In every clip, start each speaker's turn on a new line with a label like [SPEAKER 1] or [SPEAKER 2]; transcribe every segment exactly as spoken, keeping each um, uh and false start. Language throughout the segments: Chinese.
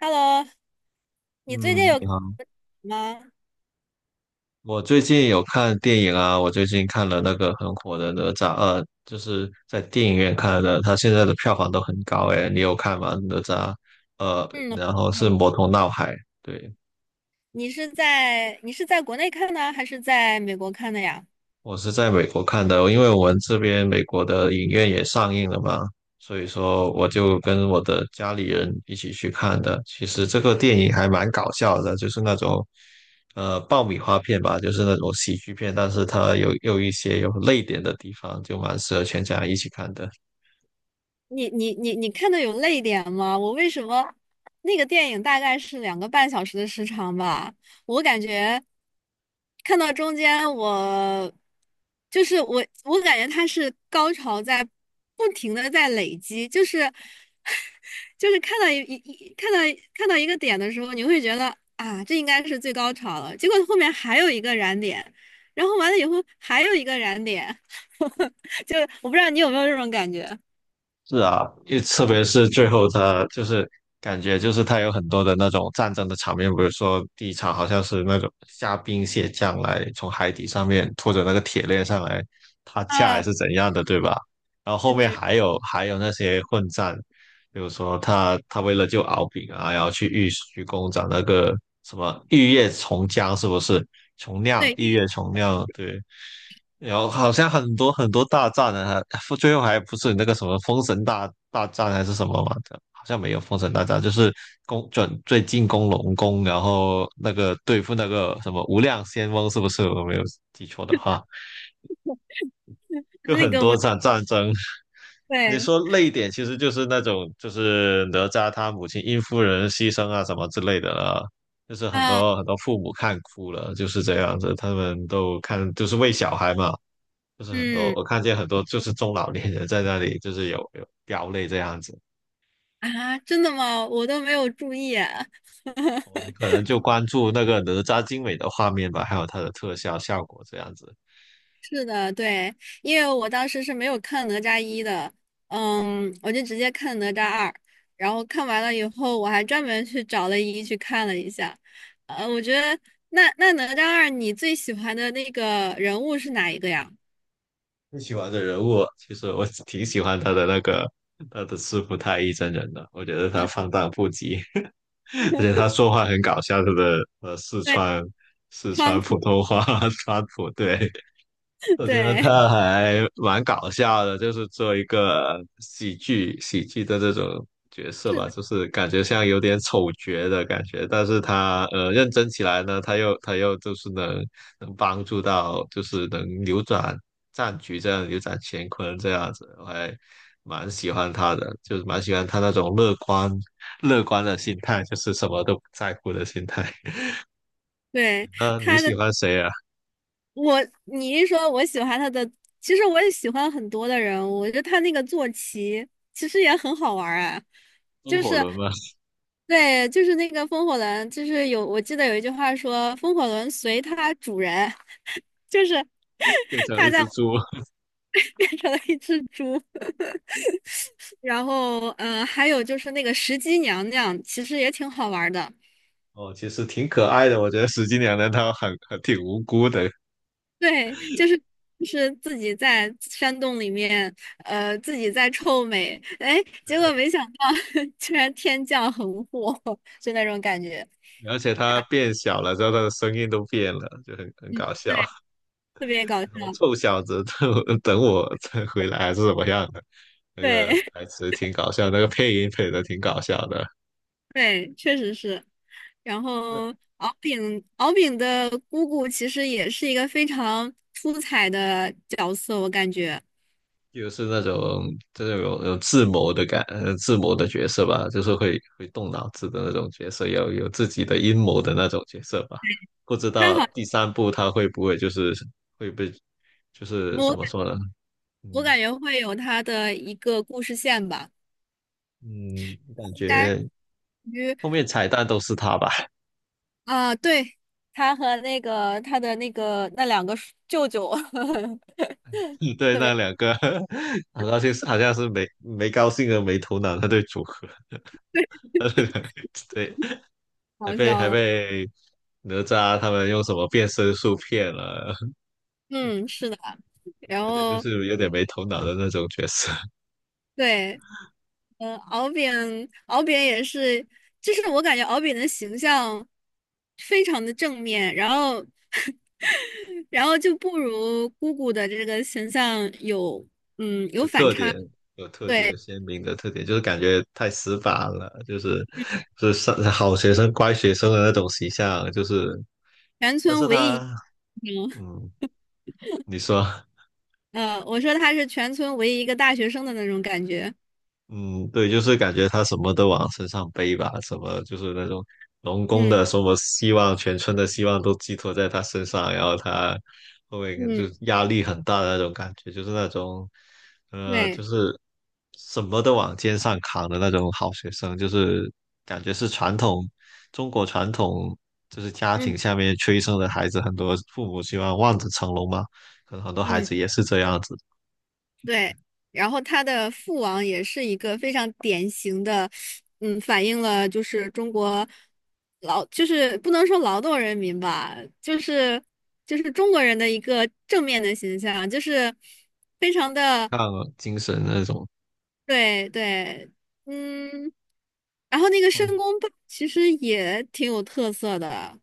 [SPEAKER 1] Hello，你最近
[SPEAKER 2] 嗯，
[SPEAKER 1] 有
[SPEAKER 2] 你好。
[SPEAKER 1] 吗？
[SPEAKER 2] 我最近有看电影啊，我最近看了那个很火的《哪吒二》，就是在电影院看的，它现在的票房都很高诶，你有看吗？哪吒，呃，
[SPEAKER 1] 嗯，
[SPEAKER 2] 然后是
[SPEAKER 1] 有。
[SPEAKER 2] 《魔童闹海》。对，
[SPEAKER 1] 你是在你是在国内看的，还是在美国看的呀？
[SPEAKER 2] 我是在美国看的，因为我们这边美国的影院也上映了嘛，所以说我就跟我的家里人一起去看的。其实这个电影还蛮搞笑的，就是那种呃爆米花片吧，就是那种喜剧片，但是它有有一些有泪点的地方，就蛮适合全家一起看的。
[SPEAKER 1] 你你你你看的有泪点吗？我为什么那个电影大概是两个半小时的时长吧？我感觉看到中间我就是我，我感觉它是高潮在不停的在累积，就是 就是看到一一一看到看到一个点的时候，你会觉得啊，这应该是最高潮了，结果后面还有一个燃点，然后完了以后还有一个燃点，就我不知道你有没有这种感觉。
[SPEAKER 2] 是啊，因为特别是最后他就是感觉就是他有很多的那种战争的场面，比如说第一场好像是那种虾兵蟹将来从海底上面拖着那个铁链上来他架还
[SPEAKER 1] 啊，
[SPEAKER 2] 是怎样的，对吧？然后后
[SPEAKER 1] 对
[SPEAKER 2] 面
[SPEAKER 1] 对
[SPEAKER 2] 还有还有那些混战，比如说他他为了救敖丙啊，然后去玉虚宫找那个什么玉液琼浆是不是？琼酿
[SPEAKER 1] 对，
[SPEAKER 2] 玉液琼酿，对。有好像很多很多大战呢，还最后还不是那个什么封神大大战还是什么嘛的，好像没有封神大战，就是攻准最进攻龙宫，然后那个对付那个什么无量仙翁，是不是？我没有记错的话，就
[SPEAKER 1] 那
[SPEAKER 2] 很
[SPEAKER 1] 个
[SPEAKER 2] 多
[SPEAKER 1] 我
[SPEAKER 2] 场战争。你
[SPEAKER 1] 对，
[SPEAKER 2] 说累点，其实就是那种就是哪吒他母亲殷夫人牺牲啊什么之类的了，就是很
[SPEAKER 1] 啊，
[SPEAKER 2] 多很多父母看哭了，就是这样子，他们都看就是为小孩嘛。就是很多，
[SPEAKER 1] 嗯
[SPEAKER 2] 我看见很多就是中老年人在那里，就是有有飙泪这样子。
[SPEAKER 1] 啊，真的吗？我都没有注意啊。
[SPEAKER 2] 哦，你可能就关注那个哪吒精美的画面吧，还有它的特效效果这样子。
[SPEAKER 1] 是的，对，因为我当时是没有看哪吒一的，嗯，我就直接看哪吒二，然后看完了以后，我还专门去找了一去看了一下。呃，我觉得那那哪吒二，你最喜欢的那个人物是哪一个呀？
[SPEAKER 2] 你喜欢的人物，其实我挺喜欢他的那个他的师傅太乙真人的，我觉得他放荡不羁，而且他 说话很搞笑，他的呃四
[SPEAKER 1] 对，
[SPEAKER 2] 川四
[SPEAKER 1] 川
[SPEAKER 2] 川普
[SPEAKER 1] 普，
[SPEAKER 2] 通话 川普，对。我觉得
[SPEAKER 1] 对，
[SPEAKER 2] 他还蛮搞笑的，就是做一个喜剧喜剧的这种角色
[SPEAKER 1] 是
[SPEAKER 2] 吧，
[SPEAKER 1] 的，
[SPEAKER 2] 就是感觉像有点丑角的感觉，但是他呃认真起来呢，他又他又就是能能帮助到，就是能扭转战局这样，扭转乾坤这样子，我还蛮喜欢他的，就是蛮喜欢他那种乐观乐观的心态，就是什么都不在乎的心态。
[SPEAKER 1] 对，
[SPEAKER 2] 嗯，你
[SPEAKER 1] 他
[SPEAKER 2] 喜
[SPEAKER 1] 的。
[SPEAKER 2] 欢谁啊？
[SPEAKER 1] 我你一说我喜欢他的，其实我也喜欢很多的人物，我觉得他那个坐骑其实也很好玩儿啊，
[SPEAKER 2] 风
[SPEAKER 1] 就
[SPEAKER 2] 火
[SPEAKER 1] 是
[SPEAKER 2] 轮吗？
[SPEAKER 1] 对，就是那个风火轮，就是有我记得有一句话说风火轮随它主人，就是
[SPEAKER 2] 变 成一
[SPEAKER 1] 它在
[SPEAKER 2] 只猪。
[SPEAKER 1] 变成了一只猪，然后嗯、呃还有就是那个石矶娘娘，其实也挺好玩儿的。
[SPEAKER 2] 哦，其实挺可爱的，我觉得石金娘娘她很很挺无辜的，
[SPEAKER 1] 对，就是就是自己在山洞里面，呃，自己在臭美，哎，结果没想到 居然天降横祸，就那种感觉，
[SPEAKER 2] 而且她变小了之后，她的声音都变了，就很很
[SPEAKER 1] 嗯，
[SPEAKER 2] 搞笑。
[SPEAKER 1] 特别搞 笑。
[SPEAKER 2] 什么臭小子，等等我再回来还是怎么样的？那
[SPEAKER 1] 对
[SPEAKER 2] 个 台词挺搞笑，那个配音配的挺搞笑的。
[SPEAKER 1] 对，确实是。然后敖丙敖丙的姑姑其实也是一个非常出彩的角色，我感觉
[SPEAKER 2] 就是那种就是有有智谋的感，呃，智谋的角色吧，就是会会动脑子的那种角色，有有自己的阴谋的那种角色吧。不知
[SPEAKER 1] 她
[SPEAKER 2] 道
[SPEAKER 1] 好，
[SPEAKER 2] 第三部他会不会就是会被，就是怎么
[SPEAKER 1] 我
[SPEAKER 2] 说呢？
[SPEAKER 1] 我
[SPEAKER 2] 嗯
[SPEAKER 1] 感觉会有她的一个故事线吧，
[SPEAKER 2] 嗯，感
[SPEAKER 1] 应该。
[SPEAKER 2] 觉
[SPEAKER 1] 属于。
[SPEAKER 2] 后面彩蛋都是他吧？
[SPEAKER 1] 啊，对，他和那个他的那个那两个舅舅
[SPEAKER 2] 对，
[SPEAKER 1] 特
[SPEAKER 2] 那
[SPEAKER 1] 别
[SPEAKER 2] 两个 好像兴，是好像是没没高兴和没头脑那对组合，对，还
[SPEAKER 1] 好
[SPEAKER 2] 被
[SPEAKER 1] 笑
[SPEAKER 2] 还
[SPEAKER 1] 的
[SPEAKER 2] 被哪吒他们用什么变身术骗了。
[SPEAKER 1] 嗯，是的。然
[SPEAKER 2] 感觉就
[SPEAKER 1] 后
[SPEAKER 2] 是有点没头脑的那种角色。
[SPEAKER 1] 对，嗯，敖丙，敖丙也是，就是我感觉敖丙的形象非常的正面，然后 然后就不如姑姑的这个形象有嗯 有
[SPEAKER 2] 有
[SPEAKER 1] 反
[SPEAKER 2] 特
[SPEAKER 1] 差。
[SPEAKER 2] 点，有特点，
[SPEAKER 1] 对，
[SPEAKER 2] 有鲜明的特点，就是感觉太死板了，就是就是上好学生、乖学生的那种形象，就是，
[SPEAKER 1] 全
[SPEAKER 2] 但
[SPEAKER 1] 村
[SPEAKER 2] 是
[SPEAKER 1] 唯一，
[SPEAKER 2] 他，
[SPEAKER 1] 嗯，
[SPEAKER 2] 嗯，你说，
[SPEAKER 1] 呃，我说他是全村唯一一个大学生的那种感觉。
[SPEAKER 2] 嗯，对，就是感觉他什么都往身上背吧，什么就是那种农工
[SPEAKER 1] 嗯
[SPEAKER 2] 的什么希望，全村的希望都寄托在他身上，然后他后面就
[SPEAKER 1] 嗯，
[SPEAKER 2] 压力很大的那种感觉，就是那种，呃，就
[SPEAKER 1] 对。
[SPEAKER 2] 是什么都往肩上扛的那种好学生，就是感觉是传统中国传统就是家
[SPEAKER 1] 嗯
[SPEAKER 2] 庭下面催生的孩子，很多父母希望望子成龙嘛，可能很多孩
[SPEAKER 1] 嗯，
[SPEAKER 2] 子也是这样子，
[SPEAKER 1] 对。然后他的父王也是一个非常典型的，嗯，反映了就是中国劳，就是不能说劳动人民吧，就是就是中国人的一个正面的形象，就是非常的，
[SPEAKER 2] 像精神那种。
[SPEAKER 1] 对对，嗯。然后那个申公豹其实也挺有特色的，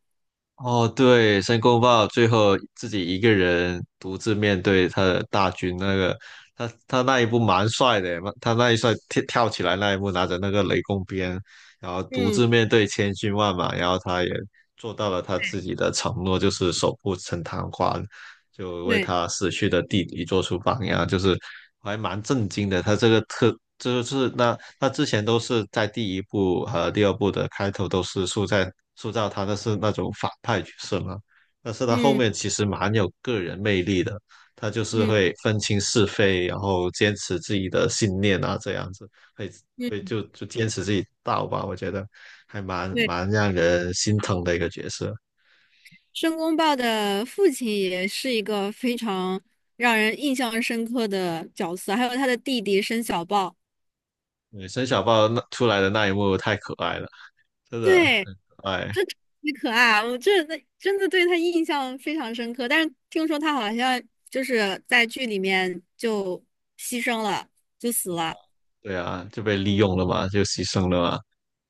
[SPEAKER 2] 哦，对，申公豹最后自己一个人独自面对他的大军，那个他他那一步蛮帅的，他那一帅跳跳起来那一幕，拿着那个雷公鞭，然后独
[SPEAKER 1] 嗯，
[SPEAKER 2] 自面对千军万马，然后他也做到了他自己的承诺，就是守护陈塘关。就为
[SPEAKER 1] 对，
[SPEAKER 2] 他死去的弟弟做出榜样，就是我还蛮震惊的。他这个特就是那他之前都是在第一部和第二部的开头都是塑造塑造他的是那种反派角色嘛，但是他后
[SPEAKER 1] 嗯
[SPEAKER 2] 面其实蛮有个人魅力的，他就是
[SPEAKER 1] 嗯
[SPEAKER 2] 会分清是非，然后坚持自己的信念啊，这样子会会
[SPEAKER 1] 嗯，
[SPEAKER 2] 就就坚持自己道吧，我觉得还蛮
[SPEAKER 1] 对。
[SPEAKER 2] 蛮让人心疼的一个角色。
[SPEAKER 1] 申公豹的父亲也是一个非常让人印象深刻的角色，还有他的弟弟申小豹，
[SPEAKER 2] 对，申小豹那出来的那一幕太可爱了。真的
[SPEAKER 1] 对，
[SPEAKER 2] 很
[SPEAKER 1] 特
[SPEAKER 2] 可爱，
[SPEAKER 1] 可爱，我真的真的对他印象非常深刻。但是听说他好像就是在剧里面就牺牲了，就死了。
[SPEAKER 2] 对啊，就被利用了嘛，就牺牲了嘛。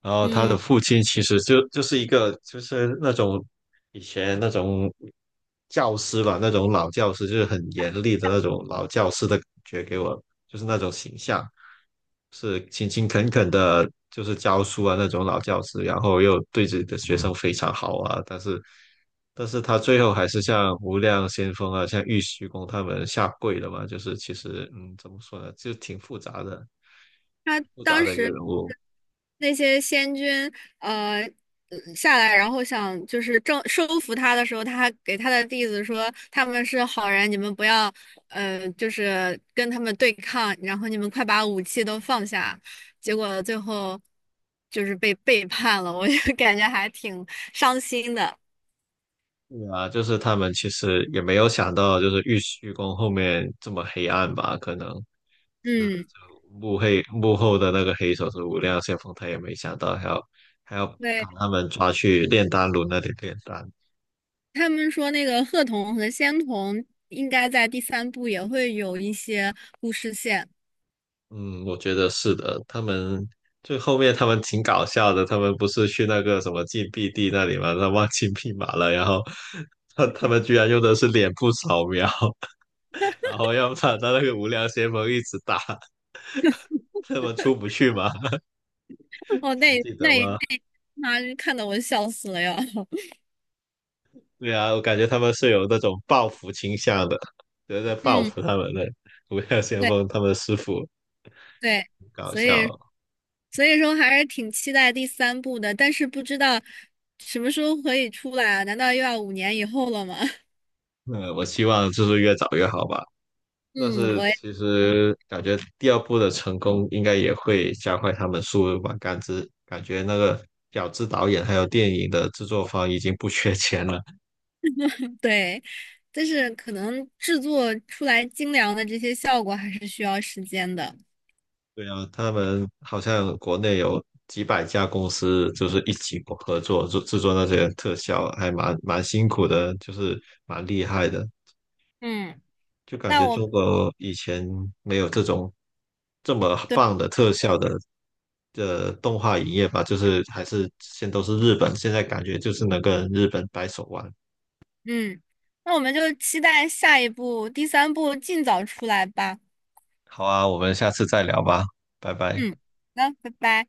[SPEAKER 2] 然后他的
[SPEAKER 1] 嗯，
[SPEAKER 2] 父亲其实就就是一个就是那种以前那种教师吧，那种老教师，就是很严厉的那种老教师的感觉给我，就是那种形象。是勤勤恳恳的，就是教书啊那种老教师，然后又对自己的学生非常好啊，但是，但是他最后还是像无量先锋啊，像玉虚宫他们下跪了嘛，就是其实嗯，怎么说呢，就挺复杂的，
[SPEAKER 1] 他
[SPEAKER 2] 挺复杂
[SPEAKER 1] 当
[SPEAKER 2] 的一个人
[SPEAKER 1] 时。
[SPEAKER 2] 物。
[SPEAKER 1] 那些仙君呃呃下来，然后想就是正收服他的时候，他还给他的弟子说他们是好人，你们不要呃就是跟他们对抗，然后你们快把武器都放下。结果最后就是被背叛了，我就 感觉还挺伤心的。
[SPEAKER 2] 对啊，就是他们其实也没有想到，就是玉虚宫后面这么黑暗吧？可能是就
[SPEAKER 1] 嗯，
[SPEAKER 2] 幕黑幕后的那个黑手是无量先锋，他也没想到还要还要把
[SPEAKER 1] 对，
[SPEAKER 2] 他们抓去炼丹炉那里炼丹。
[SPEAKER 1] 他们说那个鹤童和仙童应该在第三部也会有一些故事线。
[SPEAKER 2] 嗯，我觉得是的，他们最后面他们挺搞笑的，他们不是去那个什么禁闭地那里嘛，他忘记密码了，然后他他们居然用的是脸部扫描，然后要把他那个无量先锋一直打，他们出不去嘛。
[SPEAKER 1] 哦，
[SPEAKER 2] 还
[SPEAKER 1] 那
[SPEAKER 2] 记得
[SPEAKER 1] 那一
[SPEAKER 2] 吗？
[SPEAKER 1] 那妈看得我笑死了呀！
[SPEAKER 2] 对啊，我感觉他们是有那种报复倾向的，就是在报
[SPEAKER 1] 嗯，
[SPEAKER 2] 复他们的无量先
[SPEAKER 1] 对
[SPEAKER 2] 锋他们的师傅，
[SPEAKER 1] 对，
[SPEAKER 2] 搞
[SPEAKER 1] 所以
[SPEAKER 2] 笑。
[SPEAKER 1] 所以说还是挺期待第三部的，但是不知道什么时候可以出来啊？难道又要五年以后了吗？
[SPEAKER 2] 嗯，我希望就是越早越好吧。但
[SPEAKER 1] 嗯，
[SPEAKER 2] 是
[SPEAKER 1] 我也
[SPEAKER 2] 其实感觉第二部的成功应该也会加快他们速度吧，感知感觉那个饺子导演还有电影的制作方已经不缺钱了。
[SPEAKER 1] 对，但是可能制作出来精良的这些效果还是需要时间的。
[SPEAKER 2] 对啊，他们好像国内有几百家公司，就是一起合作制制作那些特效，还蛮蛮辛苦的，就是蛮厉害的。
[SPEAKER 1] 嗯，
[SPEAKER 2] 就感
[SPEAKER 1] 那
[SPEAKER 2] 觉
[SPEAKER 1] 我
[SPEAKER 2] 中国以前没有这种这么棒的特效的的动画影业吧，就是还是现都是日本，现在感觉就是能跟日本掰手腕。
[SPEAKER 1] 嗯，那我们就期待下一部第三部尽早出来吧。
[SPEAKER 2] 好啊，我们下次再聊吧，拜拜。
[SPEAKER 1] 嗯，好的拜拜。